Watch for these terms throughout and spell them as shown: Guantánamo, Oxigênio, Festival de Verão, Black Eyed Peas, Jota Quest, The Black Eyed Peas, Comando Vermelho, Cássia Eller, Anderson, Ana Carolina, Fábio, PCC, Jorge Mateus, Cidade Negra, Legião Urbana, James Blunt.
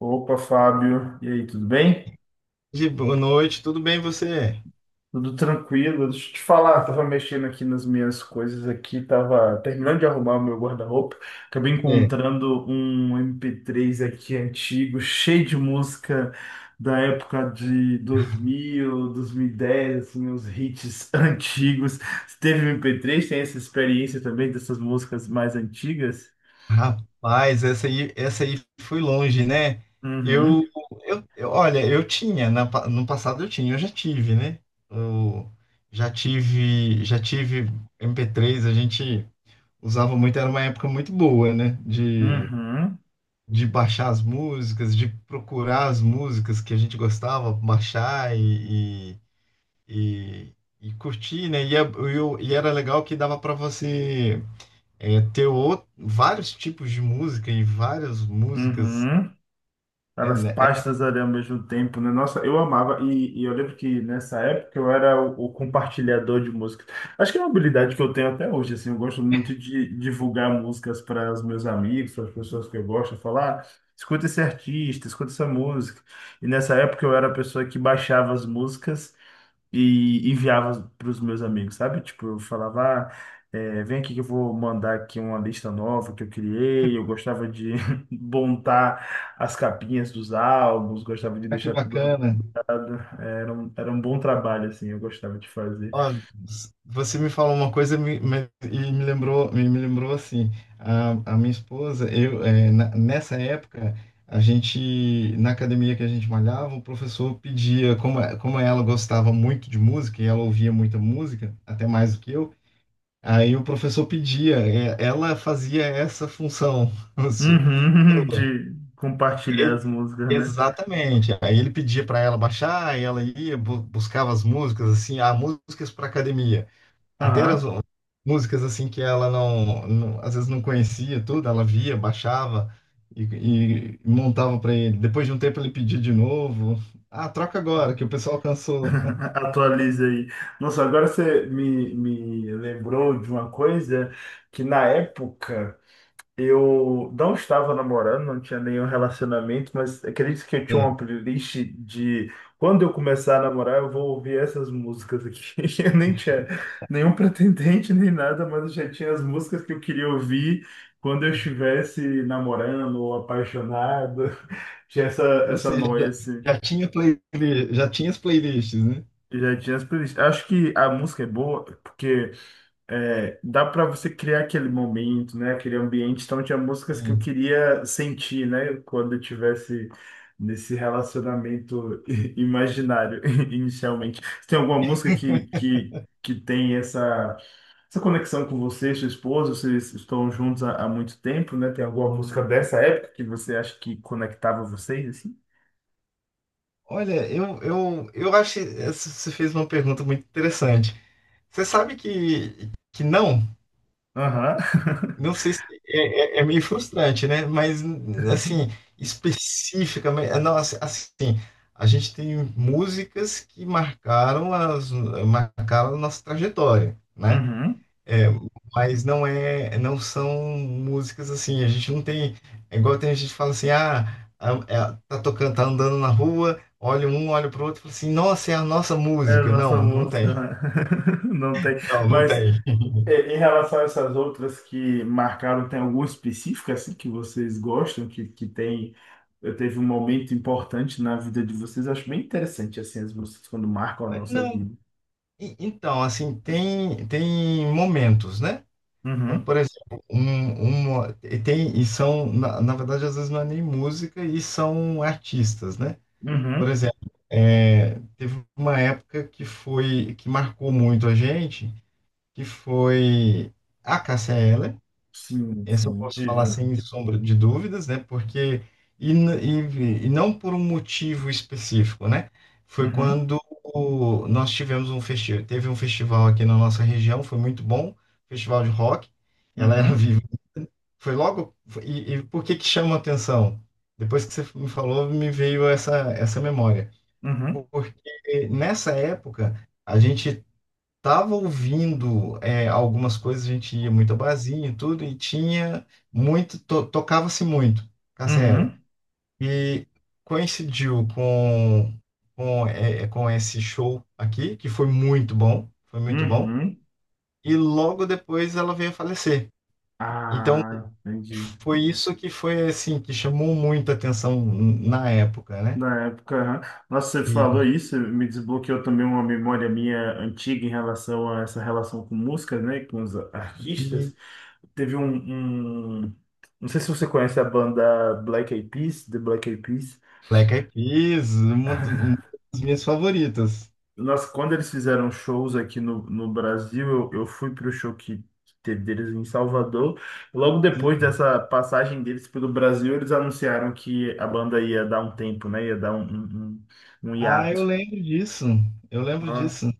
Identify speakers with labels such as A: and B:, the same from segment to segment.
A: Opa, Fábio. E aí, tudo bem?
B: De boa noite, tudo bem você?
A: Tudo tranquilo? Deixa eu te falar, tava mexendo aqui nas minhas coisas aqui, tava terminando de arrumar o meu guarda-roupa. Acabei
B: É.
A: encontrando um MP3 aqui antigo, cheio de música da época de 2000, 2010, assim, os hits antigos. Você teve MP3? Tem essa experiência também dessas músicas mais antigas?
B: Rapaz, essa aí foi longe, né?
A: Uhum,
B: Eu, Olha, eu tinha, no passado eu tinha, eu já tive, né? Eu já tive MP3, a gente usava muito, era uma época muito boa, né? De,
A: uhum,
B: de baixar as músicas, de procurar as músicas que a gente gostava, baixar e, e curtir, né? E era legal que dava para você, ter outro, vários tipos de música e várias músicas.
A: uhum.
B: É,
A: Várias
B: né?
A: pastas ali ao mesmo tempo, né? Nossa, eu amava. E, eu lembro que nessa época eu era o compartilhador de música. Acho que é uma habilidade que eu tenho até hoje, assim. Eu gosto muito de divulgar músicas para os meus amigos, para as pessoas que eu gosto, falar, "Ah, escuta esse artista, escuta essa música. E nessa época eu era a pessoa que baixava as músicas e enviava para os meus amigos, sabe? Tipo, eu falava, ah, é, vem aqui que eu vou mandar aqui uma lista nova que eu criei. Eu gostava de montar as capinhas dos álbuns, gostava de
B: É que
A: deixar tudo
B: bacana.
A: organizado. Era um bom trabalho, assim, eu gostava de fazer.
B: Ó, você me falou uma coisa, e me lembrou, me lembrou assim, a minha esposa, eu, é, nessa época, a gente, na academia que a gente malhava, o professor pedia, como, como ela gostava muito de música e ela ouvia muita música, até mais do que eu, aí o professor pedia, é, ela fazia essa função.
A: Uhum, de compartilhar
B: Sua.
A: as músicas, né?
B: Exatamente. Aí ele pedia para ela baixar, e ela ia, buscava as músicas, assim, ah, músicas para academia. Até eram
A: Aham.
B: as músicas, assim, que ela às vezes não conhecia tudo, ela via, baixava e, e montava para ele. Depois de um tempo ele pedia de novo. Ah, troca agora, que o pessoal cansou.
A: Atualiza aí. Nossa, agora você me, me lembrou de uma coisa que na época. Eu não estava namorando, não tinha nenhum relacionamento, mas acredito que eu tinha
B: É.
A: uma playlist de quando eu começar a namorar, eu vou ouvir essas músicas aqui. Eu nem tinha nenhum pretendente nem nada, mas eu já tinha as músicas que eu queria ouvir quando eu estivesse namorando ou apaixonado. Tinha essa,
B: Ou
A: essa
B: seja,
A: noia, assim.
B: já tinha playlist, já tinha as playlists, né?
A: Eu já tinha as playlists. Acho que a música é boa porque. É, dá para você criar aquele momento, né? Aquele ambiente. Então, tinha músicas que eu
B: Sim.
A: queria sentir, né? Quando eu tivesse nesse relacionamento imaginário, inicialmente. Você tem alguma música que tem essa, essa conexão com você, sua esposa? Vocês estão juntos há muito tempo, né? Tem alguma música dessa época que você acha que conectava vocês, assim?
B: Olha, eu acho que você fez uma pergunta muito interessante. Você sabe que não?
A: Aham.
B: Não sei se é meio frustrante, né? Mas, assim, específica, mas- nossa, assim, a gente tem músicas que marcaram a nossa trajetória, né?
A: Uhum.
B: É, mas não são músicas assim, a gente não tem, é igual tem gente que fala assim, ah, é, tá tocando, tá andando na rua, olha um, olha pro outro, e fala assim, nossa, é a nossa
A: É a
B: música.
A: nossa
B: Não, não
A: música.
B: tem.
A: Né? Não tem.
B: Não, não
A: Mas
B: tem.
A: é, em relação a essas outras que marcaram, tem alguma específica assim que vocês gostam, que tem, teve um momento importante na vida de vocês? Acho bem interessante assim as músicas quando marcam a nossa
B: Não,
A: vida.
B: Então, assim, tem momentos, né? Então,
A: Uhum,
B: por exemplo, e tem, e são, na verdade, às vezes não é nem música e são artistas, né? Por
A: uhum.
B: exemplo, teve uma época que que marcou muito a gente, que foi a Cássia Eller.
A: Sim,
B: Essa eu
A: sim,
B: posso falar
A: diga.
B: sem sombra de dúvidas, né? Porque, e, n- e não por um motivo específico, né? Foi
A: Uhum,
B: quando nós tivemos um festival, teve um festival aqui na nossa região, foi muito bom, festival de rock, ela era
A: uhum,
B: viva. Foi logo, foi- e por que que chama atenção? Depois que você me falou, me veio essa memória.
A: uhum,
B: Porque nessa época, a gente tava ouvindo, algumas coisas, a gente ia muito a barzinho e tudo, e tinha muito, tocava-se muito Cassiela.
A: uhum.
B: E coincidiu com esse show aqui, que foi muito bom,
A: Uhum.
B: e logo depois ela veio a falecer. Então
A: Ah, entendi.
B: foi isso que foi assim, que chamou muita atenção na época, né?
A: Na época, aham. Nossa, você falou
B: E,
A: isso, me desbloqueou também uma memória minha antiga em relação a essa relação com música, né, com os
B: e
A: artistas. Teve um, um- não sei se você conhece a banda Black Eyed Peas, The Black Eyed Peas.
B: Black Eyed Peas, uma uma das minhas favoritas.
A: Nossa, quando eles fizeram shows aqui no, no Brasil, eu fui pro show que teve deles em Salvador. Logo depois dessa passagem deles pelo Brasil, eles anunciaram que a banda ia dar um tempo, né, ia dar um, um, um
B: Ah, eu
A: hiato.
B: lembro disso. Eu lembro disso.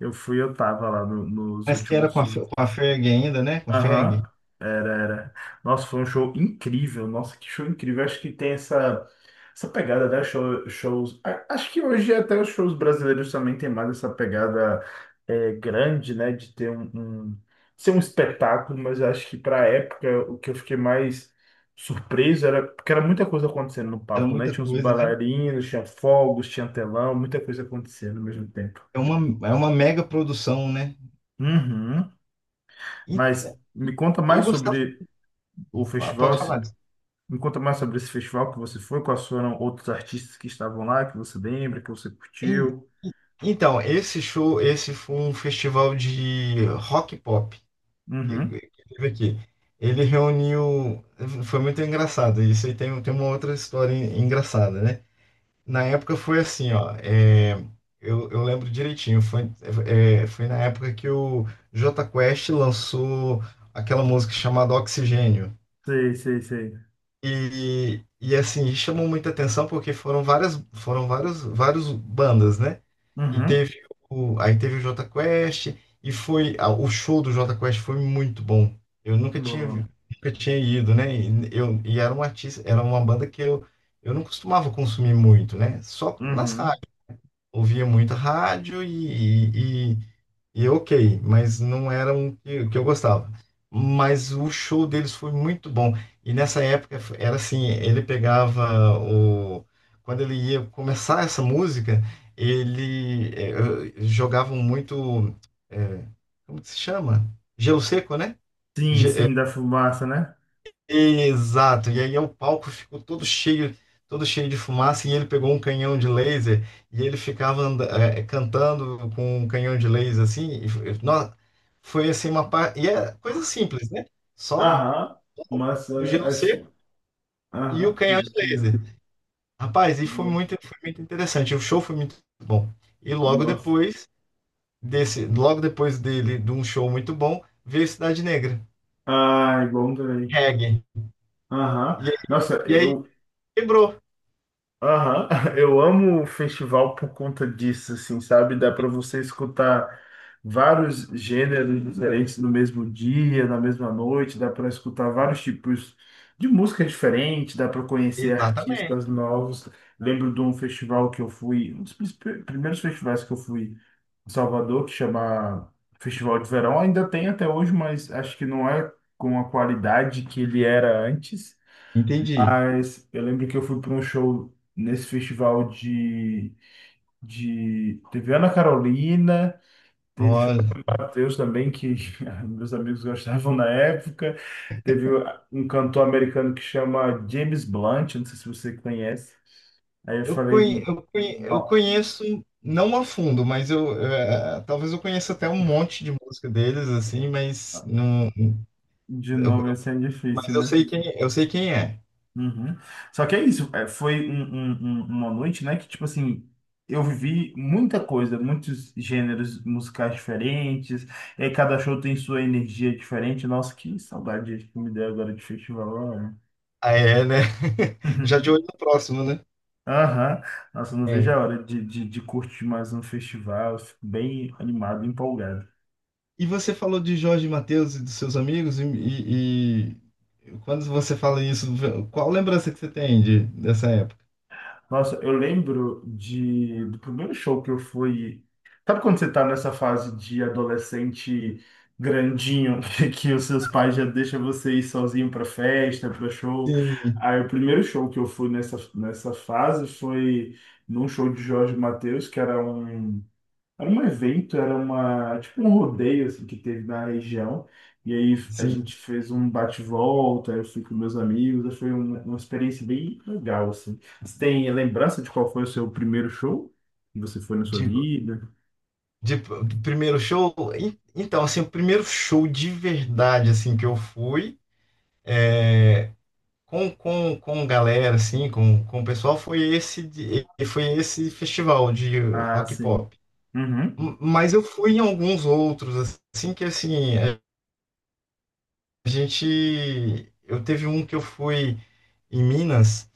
A: Eu fui, eu tava lá no- nos
B: Mas que era
A: últimos
B: com a, Fe-
A: shows.
B: com a Ferg ainda, né? Com a
A: Aham,
B: Ferg.
A: era, era. Nossa, foi um show incrível. Nossa, que show incrível. Acho que tem essa, essa pegada né, show, shows. Acho que hoje até os shows brasileiros também tem mais essa pegada é, grande, né? De ter um, ser um espetáculo, mas acho que pra época o que eu fiquei mais surpreso era porque era muita coisa acontecendo no
B: Era
A: palco, né?
B: muita
A: Tinha uns
B: coisa, né?
A: bailarinos, tinha fogos, tinha telão, muita coisa acontecendo ao mesmo tempo.
B: É uma mega produção, né?
A: Uhum. Mas
B: Então,
A: me conta
B: eu
A: mais
B: gostava.
A: sobre o
B: Ah,
A: festival,
B: pode falar disso.
A: me conta mais sobre esse festival que você foi, quais foram outros artistas que estavam lá, que você lembra, que você
B: E-
A: curtiu.
B: e- Então, esse show, esse foi um festival de rock pop
A: Uhum.
B: que teve aqui. Ele reuniu. Foi muito engraçado. Isso aí tem uma outra história engraçada, né? Na época foi assim, ó, eu lembro direitinho. Foi na época que o Jota Quest lançou aquela música chamada Oxigênio.
A: Sei, sei, sei.
B: E assim, chamou muita atenção porque foram várias, foram vários, vários bandas, né? E
A: Uhum.
B: teve o, aí teve o Jota Quest. O show do Jota Quest foi muito bom. Eu
A: Boa.
B: nunca tinha ido, né? E, eu, e era um artista, era uma banda que eu não costumava consumir muito, né? Só nas
A: Uhum.
B: ouvia muito rádio e ok, mas não era um que eu gostava. Mas o show deles foi muito bom. E nessa época era assim, ele pegava o. Quando ele ia começar essa música, ele jogavam muito. eh, como que se chama? Gelo seco, né?
A: Sim,
B: Ge- eh,
A: sim, da fumaça, né?
B: Exato. E aí o palco ficou todo cheio de fumaça, e ele pegou um canhão de laser, e ele ficava cantando com um canhão de laser assim. Foi assim uma parte. E é coisa simples, né? Só
A: Aham, mas
B: o
A: é,
B: gelo seco
A: acho.
B: e o
A: Aham,
B: canhão de laser. Rapaz, e
A: no-
B: foi muito interessante. O show foi muito bom. E logo
A: nossa.
B: depois desse, logo depois dele, de um show muito bom, veio Cidade Negra,
A: Ai, bom também.
B: reggae.
A: Aham,
B: E,
A: nossa,
B: e aí
A: eu
B: quebrou.
A: aham, eu amo o festival por conta disso, assim, sabe? Dá para você escutar vários gêneros diferentes no mesmo dia, na mesma noite, dá para escutar vários tipos de música diferente, dá para conhecer artistas
B: Exatamente.
A: novos. Lembro de um festival que eu fui, um dos pr- primeiros festivais que eu fui em Salvador, que chama Festival de Verão, ainda tem até hoje, mas acho que não é com a qualidade que ele era antes.
B: Entendi.
A: Mas eu lembro que eu fui para um show nesse festival de... Teve Ana Carolina, teve Jorge
B: Olha,
A: Mateus também, que meus amigos gostavam na época. Teve um cantor americano que chama James Blunt, não sei se você conhece. Aí eu falei,
B: eu
A: não,
B: conheço, não a fundo, mas eu, talvez eu conheça até um monte de música deles, assim, mas não,
A: de
B: eu,
A: nome assim
B: eu-
A: é difícil,
B: mas
A: né?
B: eu sei quem é.
A: Uhum. Só que é isso, é, foi uma noite, né, que, tipo assim, eu vivi muita coisa, muitos gêneros musicais diferentes, e aí cada show tem sua energia diferente. Nossa, que saudade que me deu agora de festival, né?
B: Ah, é, né? Já de olho no próximo, né?
A: Aham. Nossa, eu não vejo
B: É.
A: a hora de curtir mais um festival, eu fico bem animado, empolgado.
B: E você falou de Jorge Mateus e dos seus amigos, e quando você fala isso, qual lembrança que você tem dessa época?
A: Nossa, eu lembro de, do primeiro show que eu fui. Sabe quando você tá nessa fase de adolescente grandinho, que os seus pais já deixam você ir sozinho pra festa, pra show?
B: Sim,
A: Aí o primeiro show que eu fui nessa, nessa fase foi num show de Jorge Mateus, que era um. Era um evento, era uma, tipo um rodeio assim, que teve na região. E aí a
B: sim.
A: gente fez um bate-volta, eu fui com meus amigos, foi uma experiência bem legal, assim. Você tem lembrança de qual foi o seu primeiro show que você foi na sua vida?
B: Do primeiro show? Então, assim, o primeiro show de verdade, assim, que eu fui com galera, assim, com o pessoal, foi esse, foi esse festival de
A: Ah,
B: rock e
A: sim.
B: pop.
A: Uhum,
B: Mas eu fui em alguns outros, assim, que, assim, a gente. Eu teve um que eu fui em Minas.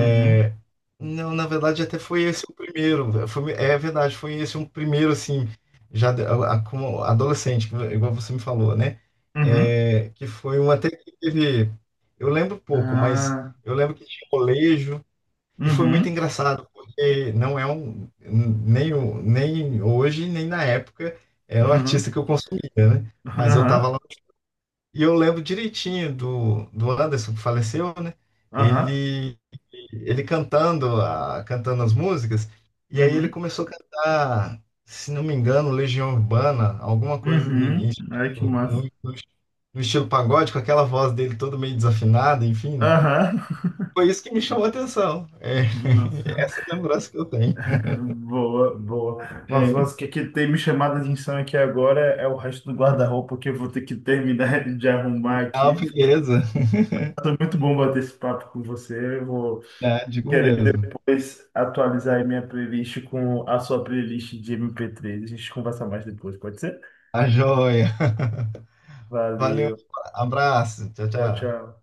A: uhum,
B: Não, na verdade, até foi esse o primeiro. É verdade, foi esse um primeiro, assim, já como adolescente, igual você me falou, né?
A: uhum.
B: É, que foi um até que teve. Eu lembro pouco, mas
A: Ah,
B: eu lembro que tinha colégio e foi muito
A: uhum,
B: engraçado, porque não é um. Nem, nem hoje, nem na época, era um
A: uhum,
B: artista que eu consumia, né? Mas eu
A: aham,
B: estava, e eu lembro direitinho do Anderson, que faleceu, né?
A: aham,
B: Ele, Ele cantando, cantando as músicas, e aí ele
A: uhum,
B: começou a cantar, se não me engano, Legião Urbana, alguma coisa
A: uhum. Ai, que massa.
B: no estilo pagode, com aquela voz dele toda meio desafinada, enfim.
A: Aham.
B: Foi isso que me chamou a atenção. É,
A: Nossa.
B: essa é a lembrança que eu tenho.
A: Boa, boa. Nossa,
B: É.
A: mas o que, que tem me chamado a atenção aqui agora é o resto do guarda-roupa que eu vou ter que terminar de arrumar
B: Ah,
A: aqui.
B: beleza.
A: Foi muito bom bater esse papo com você. Eu vou
B: É, digo
A: querer
B: mesmo.
A: depois atualizar aí minha playlist com a sua playlist de MP3. A gente conversa mais depois, pode ser?
B: A joia. Valeu,
A: Valeu.
B: abraço. Tchau,
A: Tchau,
B: tchau.
A: tchau.